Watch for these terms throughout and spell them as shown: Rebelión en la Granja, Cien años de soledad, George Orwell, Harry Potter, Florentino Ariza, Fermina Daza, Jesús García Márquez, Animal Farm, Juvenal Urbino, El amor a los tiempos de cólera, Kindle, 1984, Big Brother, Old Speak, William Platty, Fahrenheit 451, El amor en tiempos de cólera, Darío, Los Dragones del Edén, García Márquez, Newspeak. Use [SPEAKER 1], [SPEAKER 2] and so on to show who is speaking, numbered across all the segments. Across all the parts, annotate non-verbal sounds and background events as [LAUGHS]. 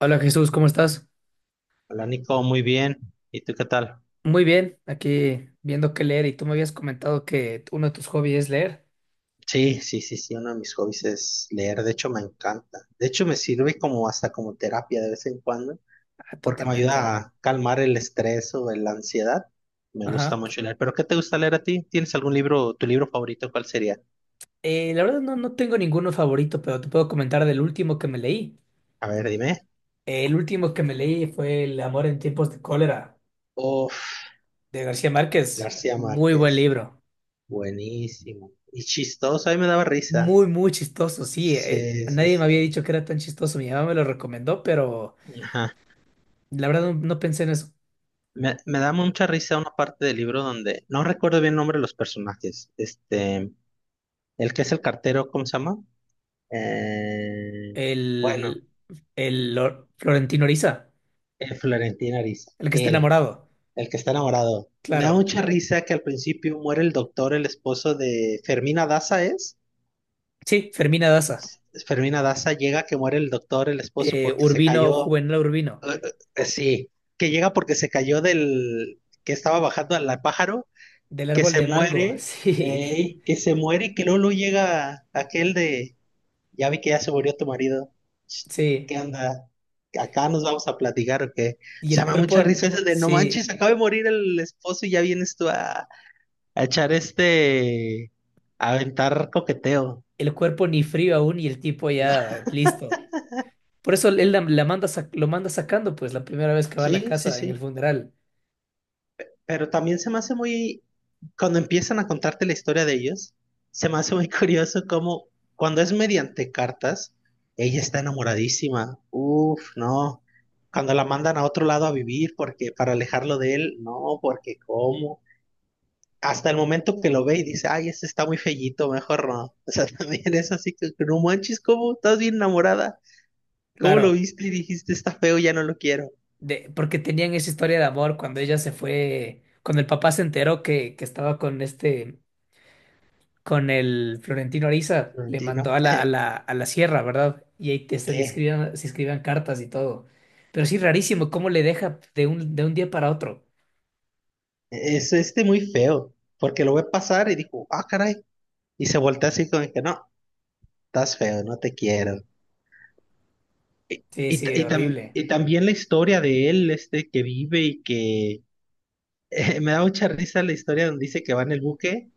[SPEAKER 1] Hola Jesús, ¿cómo estás?
[SPEAKER 2] Hola Nico, muy bien. ¿Y tú qué tal?
[SPEAKER 1] Muy bien, aquí viendo qué leer y tú me habías comentado que uno de tus hobbies es leer.
[SPEAKER 2] Sí, sí, sí, sí, uno de mis hobbies es leer, de hecho me encanta. De hecho me sirve como hasta como terapia de vez en cuando,
[SPEAKER 1] Ah,
[SPEAKER 2] porque me
[SPEAKER 1] totalmente.
[SPEAKER 2] ayuda a calmar el estrés o la ansiedad. Me gusta
[SPEAKER 1] Ajá.
[SPEAKER 2] mucho leer. ¿Pero qué te gusta leer a ti? ¿Tienes algún libro, tu libro favorito, cuál sería?
[SPEAKER 1] La verdad no tengo ninguno favorito, pero te puedo comentar del último que me leí.
[SPEAKER 2] A ver, dime.
[SPEAKER 1] El último que me leí fue El amor en tiempos de cólera
[SPEAKER 2] Uf,
[SPEAKER 1] de García Márquez.
[SPEAKER 2] García
[SPEAKER 1] Muy buen
[SPEAKER 2] Márquez.
[SPEAKER 1] libro.
[SPEAKER 2] Buenísimo. Y chistoso, a mí me daba risa.
[SPEAKER 1] Muy, muy chistoso, sí.
[SPEAKER 2] Sí, sí,
[SPEAKER 1] Nadie me había
[SPEAKER 2] sí.
[SPEAKER 1] dicho que era tan chistoso. Mi mamá me lo recomendó, pero
[SPEAKER 2] Ajá.
[SPEAKER 1] la verdad no pensé en eso.
[SPEAKER 2] Me da mucha risa una parte del libro donde no recuerdo bien el nombre de los personajes. Este, el que es el cartero, ¿cómo se llama? Eh, bueno,
[SPEAKER 1] El, Florentino Oriza,
[SPEAKER 2] eh, Florentino Ariza,
[SPEAKER 1] el que está
[SPEAKER 2] él,
[SPEAKER 1] enamorado.
[SPEAKER 2] el que está enamorado. Me da
[SPEAKER 1] Claro.
[SPEAKER 2] mucha risa que al principio muere el doctor, el esposo de Fermina Daza, ¿es?
[SPEAKER 1] Sí, Fermina Daza.
[SPEAKER 2] Fermina Daza llega que muere el doctor, el esposo, porque se
[SPEAKER 1] Urbino,
[SPEAKER 2] cayó.
[SPEAKER 1] Juvenal Urbino.
[SPEAKER 2] Eh, sí, que llega porque se cayó del que estaba bajando al pájaro
[SPEAKER 1] Del
[SPEAKER 2] que
[SPEAKER 1] árbol
[SPEAKER 2] se
[SPEAKER 1] de mango. [LAUGHS]
[SPEAKER 2] muere,
[SPEAKER 1] Sí,
[SPEAKER 2] ey, que se muere y que luego, llega aquel de, ya vi que ya se murió tu marido, Ch,
[SPEAKER 1] sí.
[SPEAKER 2] ¿qué onda? Acá nos vamos a platicar o qué.
[SPEAKER 1] Y
[SPEAKER 2] Se
[SPEAKER 1] el
[SPEAKER 2] me da
[SPEAKER 1] cuerpo,
[SPEAKER 2] mucha risa ese de, no manches,
[SPEAKER 1] sí.
[SPEAKER 2] acaba de morir el esposo y ya vienes tú a echar este, a aventar coqueteo. [LAUGHS]
[SPEAKER 1] El cuerpo ni frío aún y el tipo
[SPEAKER 2] No,
[SPEAKER 1] ya listo. Por eso él la manda, lo manda sacando, pues, la primera vez que va a la
[SPEAKER 2] sí, sí,
[SPEAKER 1] casa en el
[SPEAKER 2] sí.
[SPEAKER 1] funeral.
[SPEAKER 2] Pero también se me hace muy, cuando empiezan a contarte la historia de ellos, se me hace muy [LAUGHS] curioso cómo cuando es mediante cartas, ella está enamoradísima. Uf, no. Cuando la mandan a otro lado a vivir porque para alejarlo de él, no, porque cómo. Hasta el momento que lo ve y dice, ay, ese está muy fellito, mejor no. O sea, [LAUGHS] también es así que no manches, ¿cómo? Estás bien enamorada. ¿Cómo lo
[SPEAKER 1] Claro.
[SPEAKER 2] viste y dijiste, está feo, ya no lo quiero?
[SPEAKER 1] De, porque tenían esa historia de amor cuando ella se fue. Cuando el papá se enteró que estaba con este. Con el Florentino Ariza, le
[SPEAKER 2] Sí, ¿no?
[SPEAKER 1] mandó a la sierra, ¿verdad? Y ahí te están
[SPEAKER 2] [LAUGHS]
[SPEAKER 1] escribiendo, se escribían cartas y todo. Pero sí, rarísimo, cómo le deja de un día para otro.
[SPEAKER 2] Es este muy feo, porque lo ve pasar y dijo, ah, caray. Y se voltea así como que, no, estás feo, no te quiero. Y,
[SPEAKER 1] Sí,
[SPEAKER 2] y,
[SPEAKER 1] sí,
[SPEAKER 2] y tam-
[SPEAKER 1] horrible.
[SPEAKER 2] y
[SPEAKER 1] [LAUGHS]
[SPEAKER 2] también la historia de él, este que vive y que [LAUGHS] me da mucha risa la historia donde dice que va en el buque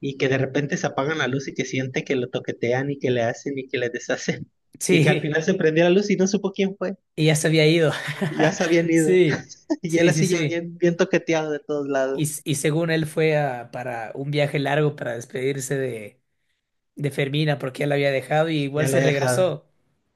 [SPEAKER 2] y que de repente se apagan la luz y que siente que lo toquetean y que le hacen y que le deshacen. [LAUGHS] Y que al
[SPEAKER 1] Sí,
[SPEAKER 2] final se prendió la luz y no supo quién fue.
[SPEAKER 1] y ya se había ido.
[SPEAKER 2] Ya
[SPEAKER 1] [LAUGHS]
[SPEAKER 2] se habían ido.
[SPEAKER 1] Sí,
[SPEAKER 2] [LAUGHS] Y él
[SPEAKER 1] sí, sí,
[SPEAKER 2] así ya
[SPEAKER 1] sí.
[SPEAKER 2] bien, bien toqueteado de todos
[SPEAKER 1] Y,
[SPEAKER 2] lados.
[SPEAKER 1] s- y según él para un viaje largo para despedirse de Fermina porque ya la había dejado y igual
[SPEAKER 2] Ya lo
[SPEAKER 1] se
[SPEAKER 2] he dejado.
[SPEAKER 1] regresó.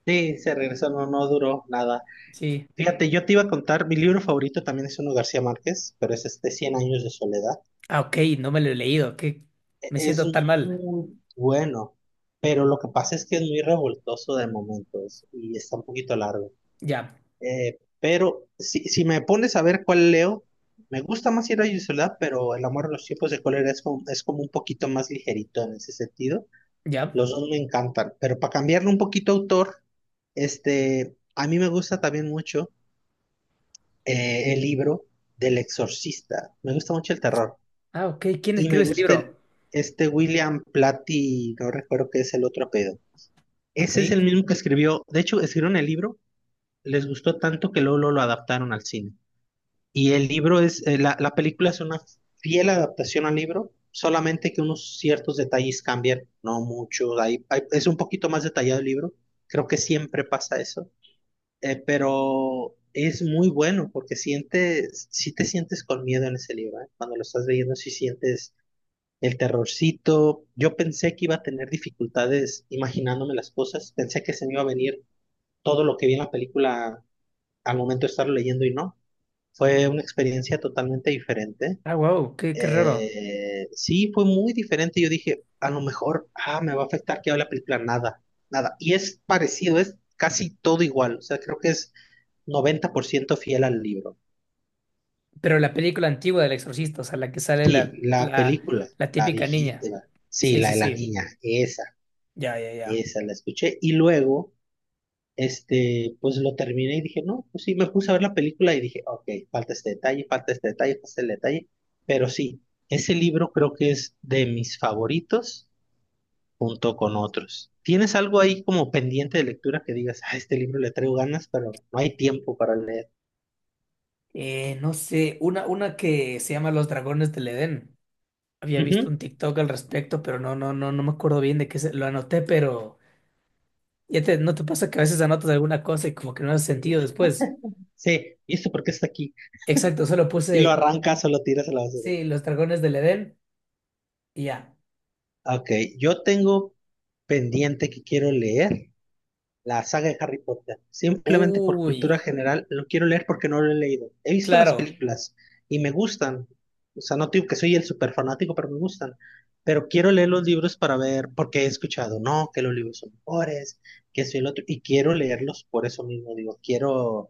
[SPEAKER 2] Sí, se regresó, no, no duró nada.
[SPEAKER 1] Sí.
[SPEAKER 2] Fíjate, yo te iba a contar, mi libro favorito también es uno de García Márquez, pero es este Cien años de soledad.
[SPEAKER 1] Ah, ok, no me lo he leído. ¿Qué?
[SPEAKER 2] E-
[SPEAKER 1] Me
[SPEAKER 2] Es
[SPEAKER 1] siento tan mal.
[SPEAKER 2] muy bueno, pero lo que pasa es que es muy revoltoso de momentos y está un poquito largo.
[SPEAKER 1] Ya,
[SPEAKER 2] Pero si, si me pones a ver cuál leo, me gusta más Cien años de soledad, pero El amor a los tiempos de cólera es como un poquito más ligerito en ese sentido.
[SPEAKER 1] ya.
[SPEAKER 2] Los dos me encantan, pero para cambiarle un poquito autor, este, a mí me gusta también mucho. El libro del exorcista. Me gusta mucho el terror.
[SPEAKER 1] Ah, ok. ¿Quién
[SPEAKER 2] Y me
[SPEAKER 1] escribe ese
[SPEAKER 2] gusta
[SPEAKER 1] libro?
[SPEAKER 2] este William Platty, no recuerdo qué es el otro apellido.
[SPEAKER 1] Ok.
[SPEAKER 2] Ese es el mismo que escribió, de hecho, escribieron el libro, les gustó tanto que luego, luego lo adaptaron al cine. Y el libro es, la película es una fiel adaptación al libro, solamente que unos ciertos detalles cambian, no mucho, es un poquito más detallado el libro. Creo que siempre pasa eso. Pero es muy bueno porque sientes, si te sientes con miedo en ese libro, ¿eh? Cuando lo estás leyendo, si sientes el terrorcito. Yo pensé que iba a tener dificultades imaginándome las cosas, pensé que se me iba a venir todo lo que vi en la película al momento de estarlo leyendo y no. Fue una experiencia totalmente diferente.
[SPEAKER 1] Ah, wow, qué, qué raro.
[SPEAKER 2] Sí, fue muy diferente. Yo dije, a lo mejor, ah, me va a afectar que hable la película, nada, nada. Y es parecido, es casi todo igual. O sea, creo que es 90% fiel al libro.
[SPEAKER 1] Pero la película antigua del Exorcista, o sea, la que sale
[SPEAKER 2] Sí, la película,
[SPEAKER 1] la
[SPEAKER 2] la
[SPEAKER 1] típica niña.
[SPEAKER 2] viejita, sí,
[SPEAKER 1] Sí,
[SPEAKER 2] la
[SPEAKER 1] sí,
[SPEAKER 2] de la
[SPEAKER 1] sí.
[SPEAKER 2] niña, esa,
[SPEAKER 1] Ya, ya, ya.
[SPEAKER 2] esa la escuché. Y luego, este, pues lo terminé y dije, no, pues sí, me puse a ver la película y dije, ok, falta este detalle, falta este detalle, falta este detalle. Pero sí, ese libro creo que es de mis favoritos junto con otros. ¿Tienes algo ahí como pendiente de lectura que digas, ah, este libro le traigo ganas, pero no hay tiempo para leer?
[SPEAKER 1] No sé, una que se llama Los Dragones del Edén. Había visto
[SPEAKER 2] Ujú.
[SPEAKER 1] un TikTok al respecto, pero no, no, no, no me acuerdo bien de qué se, lo anoté, pero ya te, ¿no te pasa que a veces anotas alguna cosa y como que no hace sentido después?
[SPEAKER 2] Sí, ¿y esto por qué está aquí?
[SPEAKER 1] Exacto, solo
[SPEAKER 2] Y lo
[SPEAKER 1] puse,
[SPEAKER 2] arrancas o lo tiras a la basura.
[SPEAKER 1] sí, Los Dragones del Edén y ya.
[SPEAKER 2] Ok, yo tengo pendiente que quiero leer la saga de Harry Potter. Simplemente por cultura
[SPEAKER 1] Uy,
[SPEAKER 2] general lo quiero leer porque no lo he leído. He visto las
[SPEAKER 1] claro,
[SPEAKER 2] películas y me gustan. O sea, no digo que soy el super fanático, pero me gustan. Pero quiero leer los libros para ver, porque he escuchado, no, que los libros son mejores, que soy el otro, y quiero leerlos por eso mismo. Digo, quiero,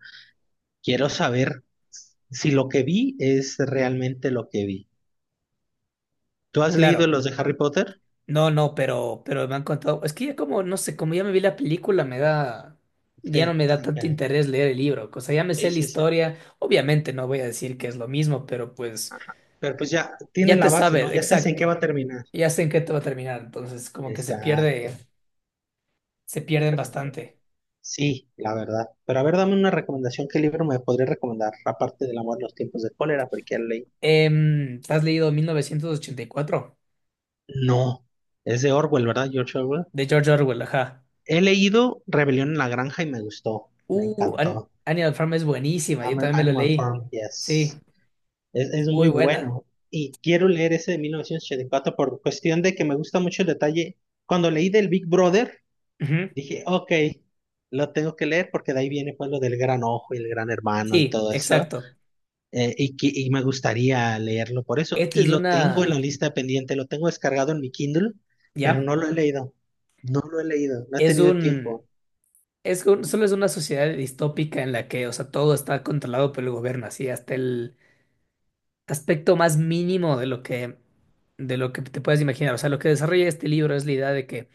[SPEAKER 2] quiero saber si lo que vi es realmente lo que vi. ¿Tú has leído
[SPEAKER 1] claro.
[SPEAKER 2] los de Harry Potter?
[SPEAKER 1] No, no, pero me han contado. Es que ya como, no sé, como ya me vi la película, me da. Ya
[SPEAKER 2] Sí,
[SPEAKER 1] no me da tanto
[SPEAKER 2] ok.
[SPEAKER 1] interés leer el libro. O sea, ya me sé
[SPEAKER 2] Sí,
[SPEAKER 1] la
[SPEAKER 2] sí, sí.
[SPEAKER 1] historia. Obviamente no voy a decir que es lo mismo, pero pues
[SPEAKER 2] Pero pues ya tienes
[SPEAKER 1] ya te
[SPEAKER 2] la base,
[SPEAKER 1] sabes,
[SPEAKER 2] ¿no? Ya sabes en qué va
[SPEAKER 1] exacto.
[SPEAKER 2] a terminar.
[SPEAKER 1] Ya sé en qué te va a terminar. Entonces, como que
[SPEAKER 2] Exacto.
[SPEAKER 1] se pierden bastante.
[SPEAKER 2] Sí, la verdad. Pero a ver, dame una recomendación. ¿Qué libro me podría recomendar? Aparte del amor en los tiempos de cólera, porque ya lo leí.
[SPEAKER 1] ¿Has leído 1984?
[SPEAKER 2] No, es de Orwell, ¿verdad? George Orwell.
[SPEAKER 1] De George Orwell, ajá.
[SPEAKER 2] He leído Rebelión en la Granja y me gustó. Me encantó.
[SPEAKER 1] Animal Farm es buenísima. Yo también me la
[SPEAKER 2] Animal
[SPEAKER 1] leí.
[SPEAKER 2] Farm,
[SPEAKER 1] Sí,
[SPEAKER 2] yes. Es
[SPEAKER 1] muy
[SPEAKER 2] muy
[SPEAKER 1] buena.
[SPEAKER 2] bueno. Y quiero leer ese de 1984 por cuestión de que me gusta mucho el detalle. Cuando leí del Big Brother,
[SPEAKER 1] Ujú.
[SPEAKER 2] dije, ok, lo tengo que leer porque de ahí viene pues lo del gran ojo y el gran hermano y
[SPEAKER 1] Sí,
[SPEAKER 2] todo eso.
[SPEAKER 1] exacto.
[SPEAKER 2] Y me gustaría leerlo por eso.
[SPEAKER 1] Esta
[SPEAKER 2] Y
[SPEAKER 1] es
[SPEAKER 2] lo tengo en la
[SPEAKER 1] una.
[SPEAKER 2] lista pendiente, lo tengo descargado en mi Kindle, pero
[SPEAKER 1] ¿Ya?
[SPEAKER 2] no lo he leído. No lo he leído, no he
[SPEAKER 1] Es
[SPEAKER 2] tenido tiempo.
[SPEAKER 1] un, solo es una sociedad distópica en la que, o sea, todo está controlado por el gobierno, así hasta el aspecto más mínimo de lo de lo que te puedes imaginar. O sea, lo que desarrolla este libro es la idea de que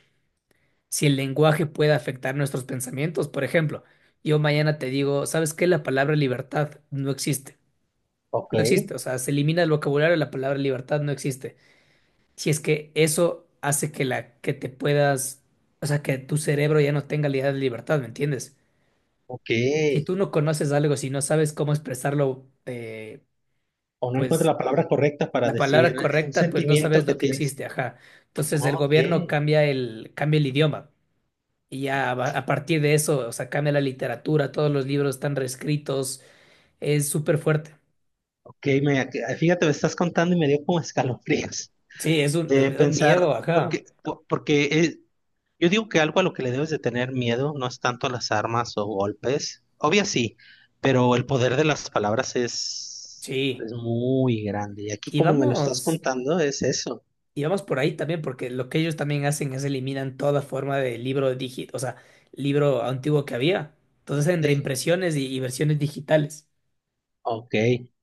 [SPEAKER 1] si el lenguaje puede afectar nuestros pensamientos, por ejemplo, yo mañana te digo, ¿sabes qué? La palabra libertad no existe.
[SPEAKER 2] Ok,
[SPEAKER 1] No existe, o sea, se elimina el vocabulario, la palabra libertad no existe. Si es que eso hace que la que te puedas, o sea, que tu cerebro ya no tenga la idea de libertad, ¿me entiendes? Si
[SPEAKER 2] ok.
[SPEAKER 1] tú no conoces algo, si no sabes cómo expresarlo,
[SPEAKER 2] O no encuentro
[SPEAKER 1] pues
[SPEAKER 2] la palabra correcta para
[SPEAKER 1] la palabra
[SPEAKER 2] decir un
[SPEAKER 1] correcta, pues no
[SPEAKER 2] sentimiento
[SPEAKER 1] sabes
[SPEAKER 2] que
[SPEAKER 1] lo que
[SPEAKER 2] tienes.
[SPEAKER 1] existe, ajá. Entonces el
[SPEAKER 2] Ok,
[SPEAKER 1] gobierno cambia el idioma y a partir de eso, o sea, cambia la literatura, todos los libros están reescritos, es súper fuerte.
[SPEAKER 2] ok. Fíjate, me estás contando y me dio como escalofríos.
[SPEAKER 1] Sí, es un,
[SPEAKER 2] De
[SPEAKER 1] me da un miedo,
[SPEAKER 2] pensar,
[SPEAKER 1] ajá.
[SPEAKER 2] porque, porque yo digo que algo a lo que le debes de tener miedo no es tanto las armas o golpes. Obvio sí, pero el poder de las palabras
[SPEAKER 1] Sí.
[SPEAKER 2] es muy grande. Y aquí
[SPEAKER 1] Y
[SPEAKER 2] como me lo estás
[SPEAKER 1] vamos,
[SPEAKER 2] contando es eso.
[SPEAKER 1] y vamos por ahí también, porque lo que ellos también hacen es eliminan toda forma de libro digital, o sea, libro antiguo que había. Entonces en
[SPEAKER 2] Sí,
[SPEAKER 1] reimpresiones y versiones digitales.
[SPEAKER 2] ok.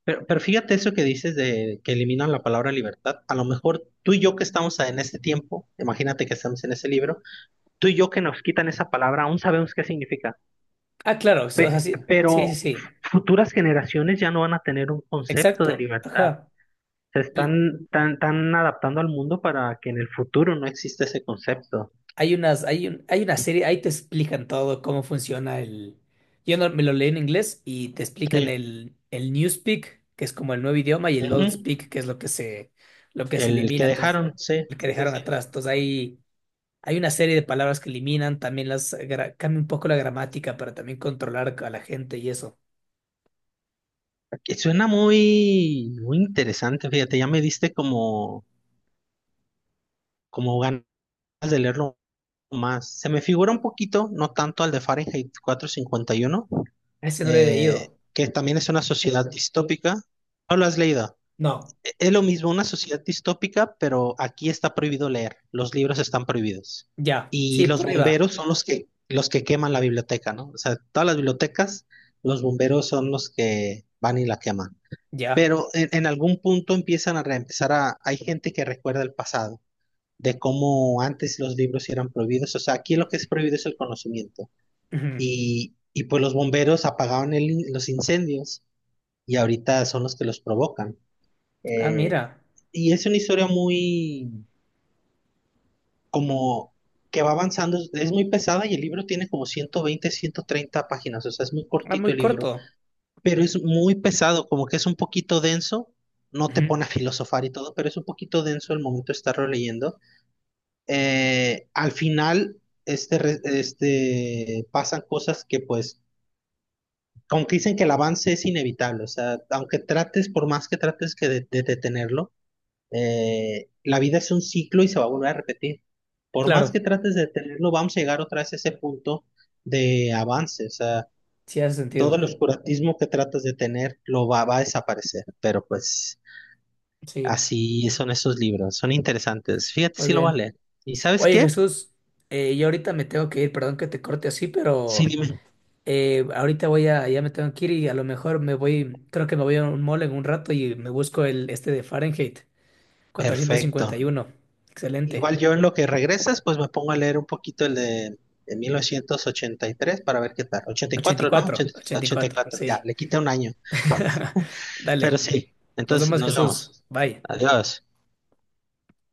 [SPEAKER 2] Pero fíjate eso que dices de que eliminan la palabra libertad. A lo mejor tú y yo que estamos en este tiempo, imagínate que estamos en ese libro, tú y yo que nos quitan esa palabra, aún sabemos qué significa.
[SPEAKER 1] Ah, claro, o sea, sí, sí, sí,
[SPEAKER 2] Pero
[SPEAKER 1] sí,
[SPEAKER 2] futuras generaciones ya no van a tener un concepto de
[SPEAKER 1] exacto,
[SPEAKER 2] libertad.
[SPEAKER 1] ajá.
[SPEAKER 2] Se
[SPEAKER 1] Y
[SPEAKER 2] están tan, tan adaptando al mundo para que en el futuro no exista ese concepto.
[SPEAKER 1] hay una serie, ahí te explican todo cómo funciona el. Yo no, me lo leí en inglés y te explican
[SPEAKER 2] Sí.
[SPEAKER 1] el Newspeak, que es como el nuevo idioma, y el Old
[SPEAKER 2] Ujú.
[SPEAKER 1] Speak, que es lo que se
[SPEAKER 2] El que
[SPEAKER 1] elimina, entonces,
[SPEAKER 2] dejaron, sí,
[SPEAKER 1] lo que
[SPEAKER 2] sí, sí,
[SPEAKER 1] dejaron
[SPEAKER 2] sí.
[SPEAKER 1] atrás. Entonces, hay una serie de palabras que eliminan, también cambia un poco la gramática para también controlar a la gente y eso.
[SPEAKER 2] Que suena muy, muy interesante, fíjate, ya me diste como ganas de leerlo más. Se me figura un poquito, no tanto al de Fahrenheit 451,
[SPEAKER 1] Ese no lo he leído.
[SPEAKER 2] que también es una sociedad distópica. ¿No lo has leído?
[SPEAKER 1] No,
[SPEAKER 2] Es lo mismo, una sociedad distópica, pero aquí está prohibido leer, los libros están prohibidos.
[SPEAKER 1] ya,
[SPEAKER 2] Y
[SPEAKER 1] sí,
[SPEAKER 2] los
[SPEAKER 1] prueba,
[SPEAKER 2] bomberos son los que queman la biblioteca, ¿no? O sea, todas las bibliotecas, los bomberos son los que van y la queman.
[SPEAKER 1] ya.
[SPEAKER 2] Pero en algún punto empiezan a reempezar a, hay gente que recuerda el pasado, de cómo antes los libros eran prohibidos. O sea, aquí lo que es prohibido es el conocimiento.
[SPEAKER 1] Ujú.
[SPEAKER 2] Y pues los bomberos apagaban los incendios y ahorita son los que los provocan.
[SPEAKER 1] Ah,
[SPEAKER 2] Eh,
[SPEAKER 1] mira.
[SPEAKER 2] y es una historia muy como que va avanzando, es muy pesada y el libro tiene como 120 130 páginas, o sea, es muy
[SPEAKER 1] Ah,
[SPEAKER 2] cortito
[SPEAKER 1] muy
[SPEAKER 2] el libro,
[SPEAKER 1] corto.
[SPEAKER 2] pero es muy pesado, como que es un poquito denso, no te
[SPEAKER 1] Ujú.
[SPEAKER 2] pone a filosofar y todo, pero es un poquito denso el momento de estarlo leyendo. Al final, este, este, pasan cosas que pues, como que dicen que el avance es inevitable, o sea, aunque trates, por más que trates que de detenerlo, la vida es un ciclo y se va a volver a repetir. Por más que
[SPEAKER 1] Claro,
[SPEAKER 2] trates de detenerlo, vamos a llegar otra vez a ese punto de avance. O sea,
[SPEAKER 1] sí hace
[SPEAKER 2] todo
[SPEAKER 1] sentido.
[SPEAKER 2] el oscurantismo que tratas de tener lo va a desaparecer. Pero pues
[SPEAKER 1] Sí,
[SPEAKER 2] así son esos libros, son interesantes. Fíjate
[SPEAKER 1] muy
[SPEAKER 2] si lo voy a
[SPEAKER 1] bien.
[SPEAKER 2] leer. ¿Y sabes
[SPEAKER 1] Oye,
[SPEAKER 2] qué?
[SPEAKER 1] Jesús, yo ahorita me tengo que ir, perdón que te corte así,
[SPEAKER 2] Sí,
[SPEAKER 1] pero
[SPEAKER 2] dime.
[SPEAKER 1] ya me tengo que ir y a lo mejor me voy, creo que me voy a un mall en un rato y me busco el este de Fahrenheit cuatrocientos
[SPEAKER 2] Perfecto.
[SPEAKER 1] cincuenta y uno Excelente. Ochenta.
[SPEAKER 2] Igual yo en lo que regresas, pues me pongo a leer un poquito el de 1983 para ver qué tal. ochenta y
[SPEAKER 1] ochenta y
[SPEAKER 2] cuatro ¿no?
[SPEAKER 1] cuatro
[SPEAKER 2] ochenta
[SPEAKER 1] ochenta y
[SPEAKER 2] ochenta y
[SPEAKER 1] cuatro,
[SPEAKER 2] cuatro ya,
[SPEAKER 1] sí.
[SPEAKER 2] le quita un año.
[SPEAKER 1] [LAUGHS]
[SPEAKER 2] Pero
[SPEAKER 1] Dale,
[SPEAKER 2] sí,
[SPEAKER 1] nos
[SPEAKER 2] entonces
[SPEAKER 1] vemos,
[SPEAKER 2] nos
[SPEAKER 1] Jesús.
[SPEAKER 2] vemos.
[SPEAKER 1] Bye.
[SPEAKER 2] Adiós.